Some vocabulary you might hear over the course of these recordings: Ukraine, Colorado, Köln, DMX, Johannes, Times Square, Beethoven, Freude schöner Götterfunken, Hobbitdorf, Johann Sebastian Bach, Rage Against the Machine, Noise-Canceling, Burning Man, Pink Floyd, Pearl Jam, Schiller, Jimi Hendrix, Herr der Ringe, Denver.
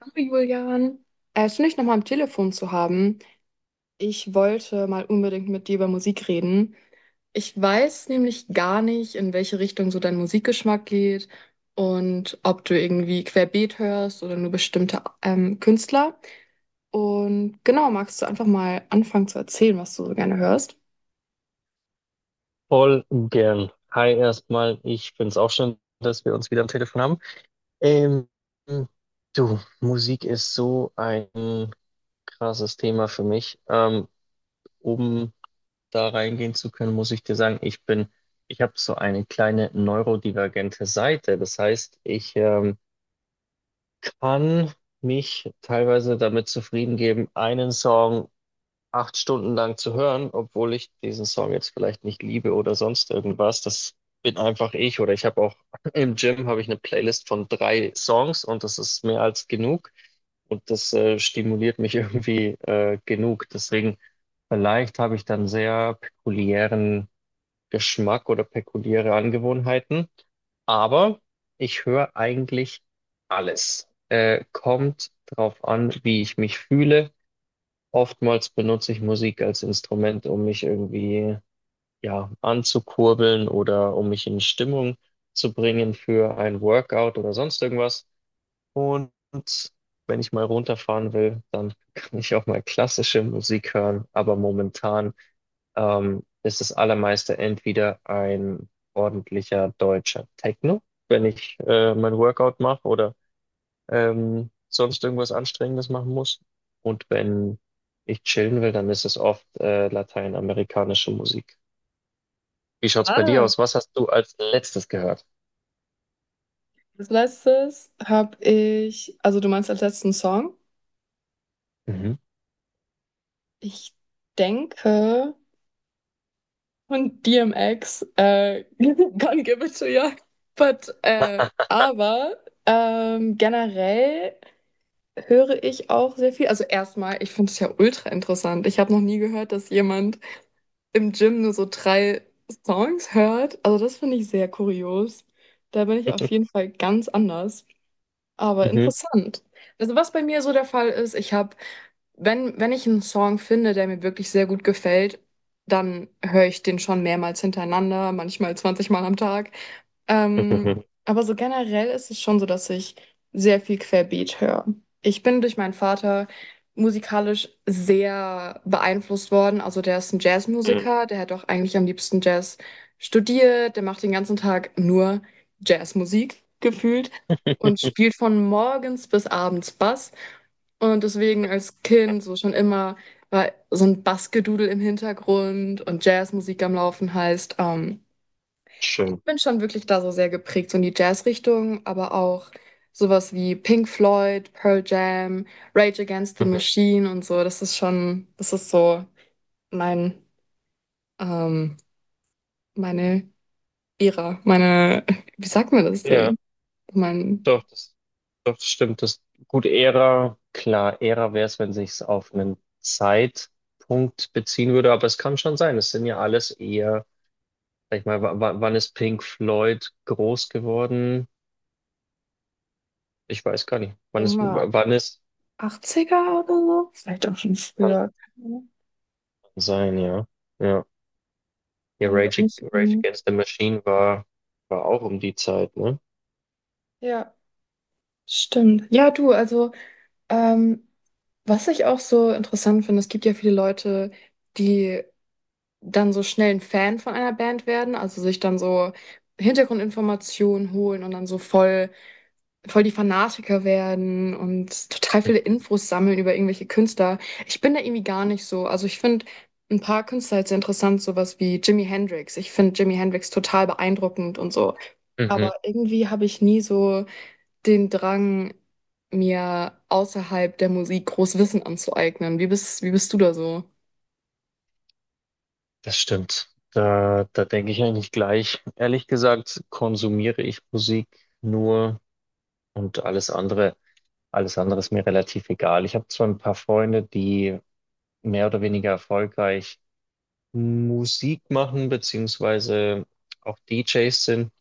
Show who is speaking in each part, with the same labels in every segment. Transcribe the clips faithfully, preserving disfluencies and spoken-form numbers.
Speaker 1: Hallo Julian, äh, schön, dich nochmal am Telefon zu haben. Ich wollte mal unbedingt mit dir über Musik reden. Ich weiß nämlich gar nicht, in welche Richtung so dein Musikgeschmack geht und ob du irgendwie querbeet hörst oder nur bestimmte ähm, Künstler. Und genau, magst du einfach mal anfangen zu erzählen, was du so gerne hörst?
Speaker 2: Voll gern. Hi erstmal, ich find's auch schön, dass wir uns wieder am Telefon haben. Ähm, Du, Musik ist so ein krasses Thema für mich. Ähm, um da reingehen zu können, muss ich dir sagen, ich bin, ich habe so eine kleine neurodivergente Seite. Das heißt, ich ähm, kann mich teilweise damit zufrieden geben, einen Song acht Stunden lang zu hören, obwohl ich diesen Song jetzt vielleicht nicht liebe oder sonst irgendwas. Das bin einfach ich oder ich habe auch im Gym habe ich eine Playlist von drei Songs und das ist mehr als genug und das äh, stimuliert mich irgendwie äh, genug. Deswegen vielleicht habe ich dann sehr pekuliären Geschmack oder pekuliäre Angewohnheiten, aber ich höre eigentlich alles. Äh, kommt drauf an, wie ich mich fühle. Oftmals benutze ich Musik als Instrument, um mich irgendwie, ja, anzukurbeln oder um mich in Stimmung zu bringen für ein Workout oder sonst irgendwas. Und wenn ich mal runterfahren will, dann kann ich auch mal klassische Musik hören. Aber momentan, ähm, ist das allermeiste entweder ein ordentlicher deutscher Techno, wenn ich, äh, mein Workout mache oder ähm, sonst irgendwas Anstrengendes machen muss. Und wenn ich chillen will, dann ist es oft äh, lateinamerikanische Musik. Wie schaut's bei dir
Speaker 1: Ah,
Speaker 2: aus? Was hast du als letztes gehört?
Speaker 1: als letztes habe ich, also du meinst als letzten Song?
Speaker 2: Mhm.
Speaker 1: Ich denke. Und D M X, äh, can't give it to you. But, äh, aber ähm, generell höre ich auch sehr viel. Also erstmal, ich finde es ja ultra interessant. Ich habe noch nie gehört, dass jemand im Gym nur so drei Songs hört. Also das finde ich sehr kurios. Da bin ich auf jeden Fall ganz anders. Aber
Speaker 2: Mhm.
Speaker 1: interessant. Also was bei mir so der Fall ist, ich habe, wenn, wenn ich einen Song finde, der mir wirklich sehr gut gefällt, dann höre ich den schon mehrmals hintereinander, manchmal zwanzig Mal am Tag. Ähm,
Speaker 2: Mhm.
Speaker 1: aber so generell ist es schon so, dass ich sehr viel Querbeet höre. Ich bin durch meinen Vater musikalisch sehr beeinflusst worden. Also der ist ein
Speaker 2: Mhm.
Speaker 1: Jazzmusiker, der hat auch eigentlich am liebsten Jazz studiert, der macht den ganzen Tag nur Jazzmusik gefühlt und spielt von morgens bis abends Bass. Und deswegen als Kind so schon immer war so ein Bassgedudel im Hintergrund und Jazzmusik am Laufen heißt, ähm,
Speaker 2: Schön.
Speaker 1: bin schon wirklich da so sehr geprägt, so in die Jazzrichtung, aber auch sowas wie Pink Floyd, Pearl Jam, Rage Against the
Speaker 2: Mhm.
Speaker 1: Machine und so. Das ist schon, das ist so mein, ähm, meine Ära, meine, wie sagt man das
Speaker 2: Ja,
Speaker 1: denn? Mein,
Speaker 2: doch, das, doch, das stimmt. Das, gut, Ära, klar, Ära wäre es, wenn sich's auf einen Zeitpunkt beziehen würde, aber es kann schon sein. Es sind ja alles eher, sag ich mal, wa- wa- wann ist Pink Floyd groß geworden? Ich weiß gar nicht, wann
Speaker 1: denk
Speaker 2: es,
Speaker 1: mal,
Speaker 2: wann es...
Speaker 1: Achtziger oder so? Vielleicht auch schon
Speaker 2: Kann
Speaker 1: früher. Keine Ahnung.
Speaker 2: sein, ja. Ja, ja
Speaker 1: Weiß ich auch
Speaker 2: Rage,
Speaker 1: nicht so
Speaker 2: Ag- Rage
Speaker 1: genau.
Speaker 2: Against the Machine war, war auch um die Zeit, ne?
Speaker 1: Ja, stimmt. Ja, du, also, ähm, was ich auch so interessant finde, es gibt ja viele Leute, die dann so schnell ein Fan von einer Band werden, also sich dann so Hintergrundinformationen holen und dann so voll voll die Fanatiker werden und total viele Infos sammeln über irgendwelche Künstler. Ich bin da irgendwie gar nicht so. Also ich finde ein paar Künstler jetzt interessant, sowas wie Jimi Hendrix. Ich finde Jimi Hendrix total beeindruckend und so.
Speaker 2: Mhm,
Speaker 1: Aber irgendwie habe ich nie so den Drang, mir außerhalb der Musik groß Wissen anzueignen. Wie bist, wie bist du da so?
Speaker 2: das stimmt. Da, da denke ich eigentlich gleich. Ehrlich gesagt, konsumiere ich Musik nur und alles andere, alles andere ist mir relativ egal. Ich habe zwar ein paar Freunde, die mehr oder weniger erfolgreich Musik machen, beziehungsweise auch D Js sind,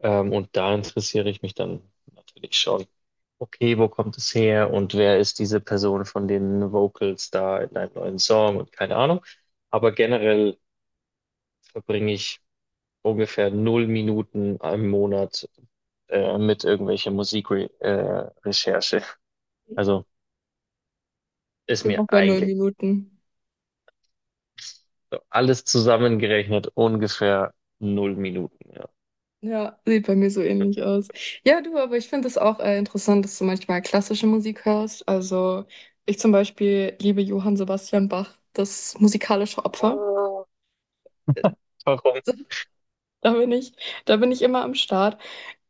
Speaker 2: ähm, und da interessiere ich mich dann natürlich schon. Okay, wo kommt es her und wer ist diese Person von den Vocals da in einem neuen Song und keine Ahnung. Aber generell verbringe ich ungefähr null Minuten im Monat äh, mit irgendwelcher Musikrecherche. Äh, Recherche. Also
Speaker 1: Ich
Speaker 2: ist
Speaker 1: bin
Speaker 2: mir
Speaker 1: auch bei neun
Speaker 2: eigentlich
Speaker 1: Minuten.
Speaker 2: so alles zusammengerechnet ungefähr null Minuten. Ja.
Speaker 1: Ja, sieht bei mir so ähnlich aus. Ja, du, aber ich finde es auch äh, interessant, dass du manchmal klassische Musik hörst. Also ich zum Beispiel liebe Johann Sebastian Bach, das musikalische Opfer.
Speaker 2: Oh, warum?
Speaker 1: Da bin ich, da bin ich immer am Start.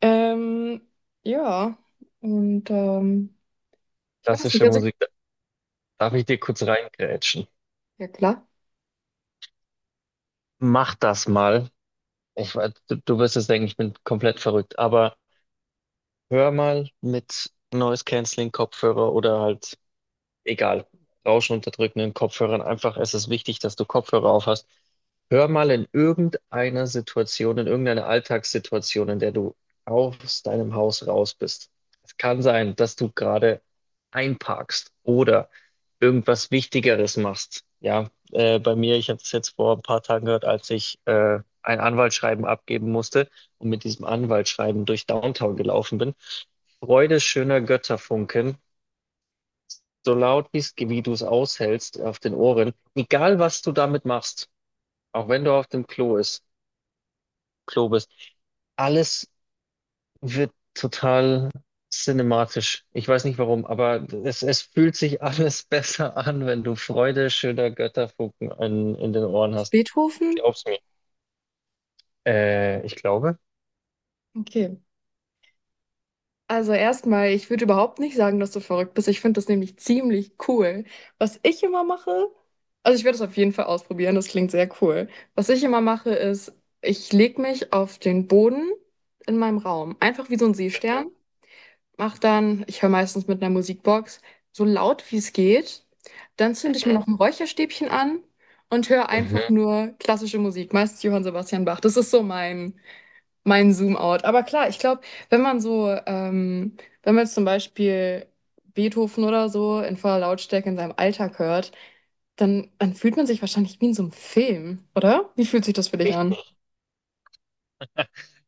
Speaker 1: Ähm, ja, und ähm, ich weiß nicht,
Speaker 2: Klassische
Speaker 1: also
Speaker 2: Musik. Darf ich dir kurz reingrätschen?
Speaker 1: ja klar,
Speaker 2: Mach das mal. Ich, weiß, du, du wirst es denken, ich bin komplett verrückt, aber hör mal mit Noise-Canceling-Kopfhörer oder halt, egal, rauschunterdrückenden Kopfhörern. Einfach, es ist wichtig, dass du Kopfhörer auf hast. Hör mal in irgendeiner Situation, in irgendeiner Alltagssituation, in der du aus deinem Haus raus bist. Es kann sein, dass du gerade einparkst oder irgendwas Wichtigeres machst. Ja, äh, bei mir, ich habe das jetzt vor ein paar Tagen gehört, als ich äh, ein Anwaltsschreiben abgeben musste und mit diesem Anwaltsschreiben durch Downtown gelaufen bin. Freude schöner Götterfunken, so laut bist, wie du es aushältst auf den Ohren, egal was du damit machst, auch wenn du auf dem Klo ist, Klo bist, alles wird total cinematisch. Ich weiß nicht warum, aber es, es fühlt sich alles besser an, wenn du Freude schöner Götterfunken in, in den Ohren
Speaker 1: ist
Speaker 2: hast.
Speaker 1: Beethoven?
Speaker 2: Glaub's mir. Äh, ich glaube.
Speaker 1: Okay. Also erstmal, ich würde überhaupt nicht sagen, dass du verrückt bist. Ich finde das nämlich ziemlich cool. Was ich immer mache, also ich werde es auf jeden Fall ausprobieren, das klingt sehr cool. Was ich immer mache, ist, ich lege mich auf den Boden in meinem Raum, einfach wie so ein Seestern, mache dann, ich höre meistens mit einer Musikbox, so laut wie es geht. Dann zünde ich mir
Speaker 2: Mhm.
Speaker 1: noch ein Räucherstäbchen an und höre einfach
Speaker 2: Mhm.
Speaker 1: nur klassische Musik, meist Johann Sebastian Bach. Das ist so mein mein Zoom-out. Aber klar, ich glaube, wenn man so, ähm, wenn man jetzt zum Beispiel Beethoven oder so in voller Lautstärke in seinem Alltag hört, dann, dann fühlt man sich wahrscheinlich wie in so einem Film, oder? Wie fühlt sich das für dich an?
Speaker 2: Richtig.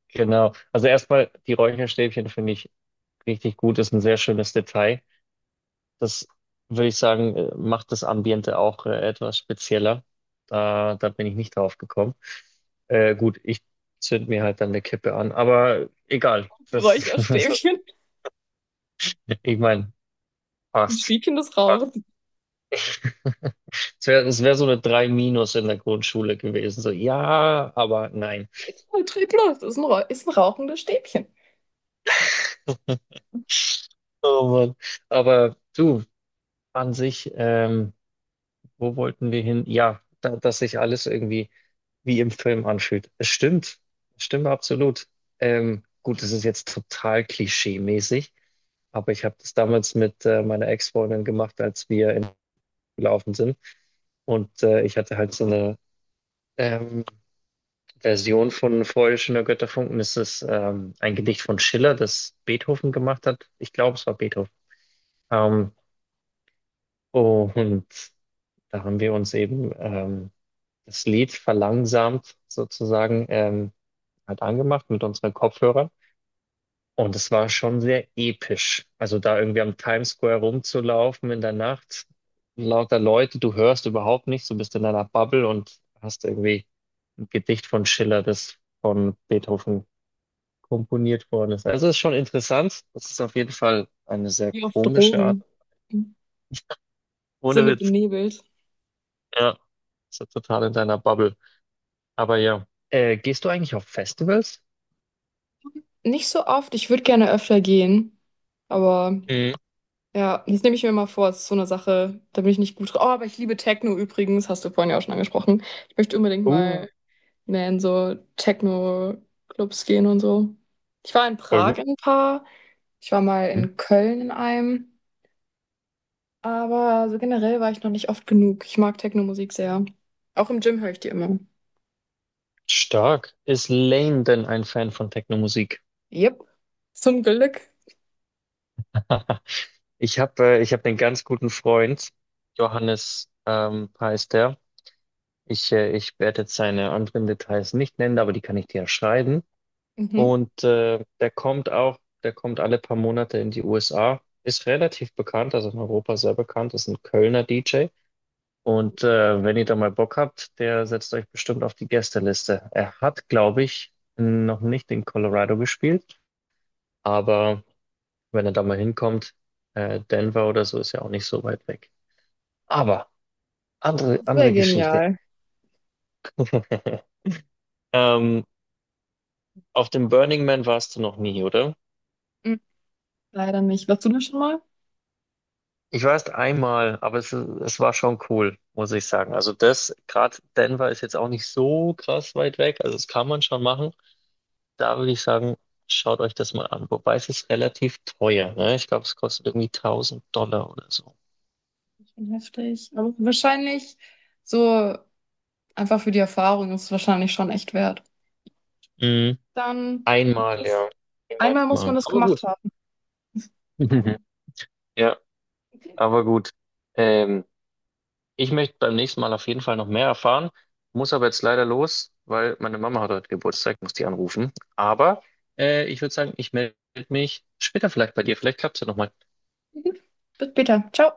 Speaker 2: Genau. Also erstmal die Räucherstäbchen finde ich richtig gut, ist ein sehr schönes Detail. Das würde ich sagen, äh, macht das Ambiente auch äh, etwas spezieller. Da, da bin ich nicht drauf gekommen. Äh, gut, ich zünd mir halt dann eine Kippe an, aber egal. Das,
Speaker 1: Räucherstäbchen,
Speaker 2: ich meine,
Speaker 1: ein
Speaker 2: passt.
Speaker 1: Stäbchen des
Speaker 2: Passt.
Speaker 1: Rauchens.
Speaker 2: Es wäre es wär so eine drei minus in der Grundschule gewesen. So, ja, aber nein.
Speaker 1: Trieb los, das ist ein, Rauch- ist ein rauchendes Stäbchen.
Speaker 2: Oh Mann. Aber du, an sich, ähm, wo wollten wir hin? Ja, da, dass sich alles irgendwie wie im Film anfühlt. Es stimmt, es stimmt absolut. Ähm, gut, es ist jetzt total klischee-mäßig, aber ich habe das damals mit äh, meiner Ex-Freundin gemacht, als wir in gelaufen sind. Und äh, ich hatte halt so eine ähm, Version von Freude schöner Götterfunken. Das ist ähm, ein Gedicht von Schiller, das Beethoven gemacht hat. Ich glaube, es war Beethoven. Ähm, und da haben wir uns eben ähm, das Lied verlangsamt sozusagen ähm, halt angemacht mit unseren Kopfhörern. Und es war schon sehr episch. Also da irgendwie am Times Square rumzulaufen in der Nacht, lauter Leute, du hörst überhaupt nichts, du bist in deiner Bubble und hast irgendwie ein Gedicht von Schiller, das von Beethoven komponiert worden ist. Also es ist schon interessant. Das ist auf jeden Fall eine sehr
Speaker 1: Wie auf
Speaker 2: komische Art.
Speaker 1: Drogen.
Speaker 2: Ohne
Speaker 1: Sinne
Speaker 2: Witz.
Speaker 1: benebelt.
Speaker 2: Ja, ist ja total in deiner Bubble. Aber ja, äh, gehst du eigentlich auf Festivals?
Speaker 1: Nicht so oft, ich würde gerne öfter gehen, aber.
Speaker 2: Mhm.
Speaker 1: Ja, das nehme ich mir mal vor. Das ist so eine Sache, da bin ich nicht gut drin. Oh, aber ich liebe Techno übrigens, hast du vorhin ja auch schon angesprochen. Ich möchte unbedingt
Speaker 2: Uh,
Speaker 1: mal mehr in so Techno-Clubs gehen und so. Ich war in
Speaker 2: voll gut.
Speaker 1: Prag in ein paar, ich war mal
Speaker 2: Mhm.
Speaker 1: in Köln in einem, aber so generell war ich noch nicht oft genug. Ich mag Techno-Musik sehr. Auch im Gym höre ich die immer.
Speaker 2: Stark. Ist Lane denn ein Fan von Techno-Musik?
Speaker 1: Yep, zum Glück.
Speaker 2: Ich habe äh, ich hab einen ganz guten Freund, Johannes ähm, heißt er. Ich, äh, ich werde jetzt seine anderen Details nicht nennen, aber die kann ich dir ja schreiben.
Speaker 1: Mhm.
Speaker 2: Und äh, der kommt auch, der kommt alle paar Monate in die U S A, ist relativ bekannt, also in Europa sehr bekannt, ist ein Kölner D J. Und äh, wenn ihr da mal Bock habt, der setzt euch bestimmt auf die Gästeliste. Er hat, glaube ich, noch nicht in Colorado gespielt, aber wenn er da mal hinkommt. Äh, Denver oder so ist ja auch nicht so weit weg. Aber andere,
Speaker 1: Das wäre
Speaker 2: andere Geschichte.
Speaker 1: genial.
Speaker 2: Ähm, auf dem Burning Man warst du noch nie, oder?
Speaker 1: Mhm. Leider nicht. Warst du da schon mal?
Speaker 2: Ich war erst einmal, aber es, es war schon cool, muss ich sagen. Also das, gerade Denver ist jetzt auch nicht so krass weit weg, also das kann man schon machen. Da würde ich sagen, schaut euch das mal an. Wobei es ist relativ teuer, ne? Ich glaube, es kostet irgendwie tausend Dollar oder so.
Speaker 1: Schon heftig. Aber wahrscheinlich so. Einfach für die Erfahrung ist es wahrscheinlich schon echt wert.
Speaker 2: Mhm.
Speaker 1: Dann,
Speaker 2: Einmal,
Speaker 1: das,
Speaker 2: ja.
Speaker 1: einmal
Speaker 2: Niemals
Speaker 1: muss man
Speaker 2: machen.
Speaker 1: das
Speaker 2: Aber
Speaker 1: gemacht
Speaker 2: gut.
Speaker 1: haben.
Speaker 2: Ja. Aber gut, ähm, ich möchte beim nächsten Mal auf jeden Fall noch mehr erfahren, muss aber jetzt leider los, weil meine Mama hat heute Geburtstag, muss die anrufen. Aber äh, ich würde sagen, ich melde mich später vielleicht bei dir. Vielleicht klappt es ja nochmal.
Speaker 1: Gut, bis später. Ciao.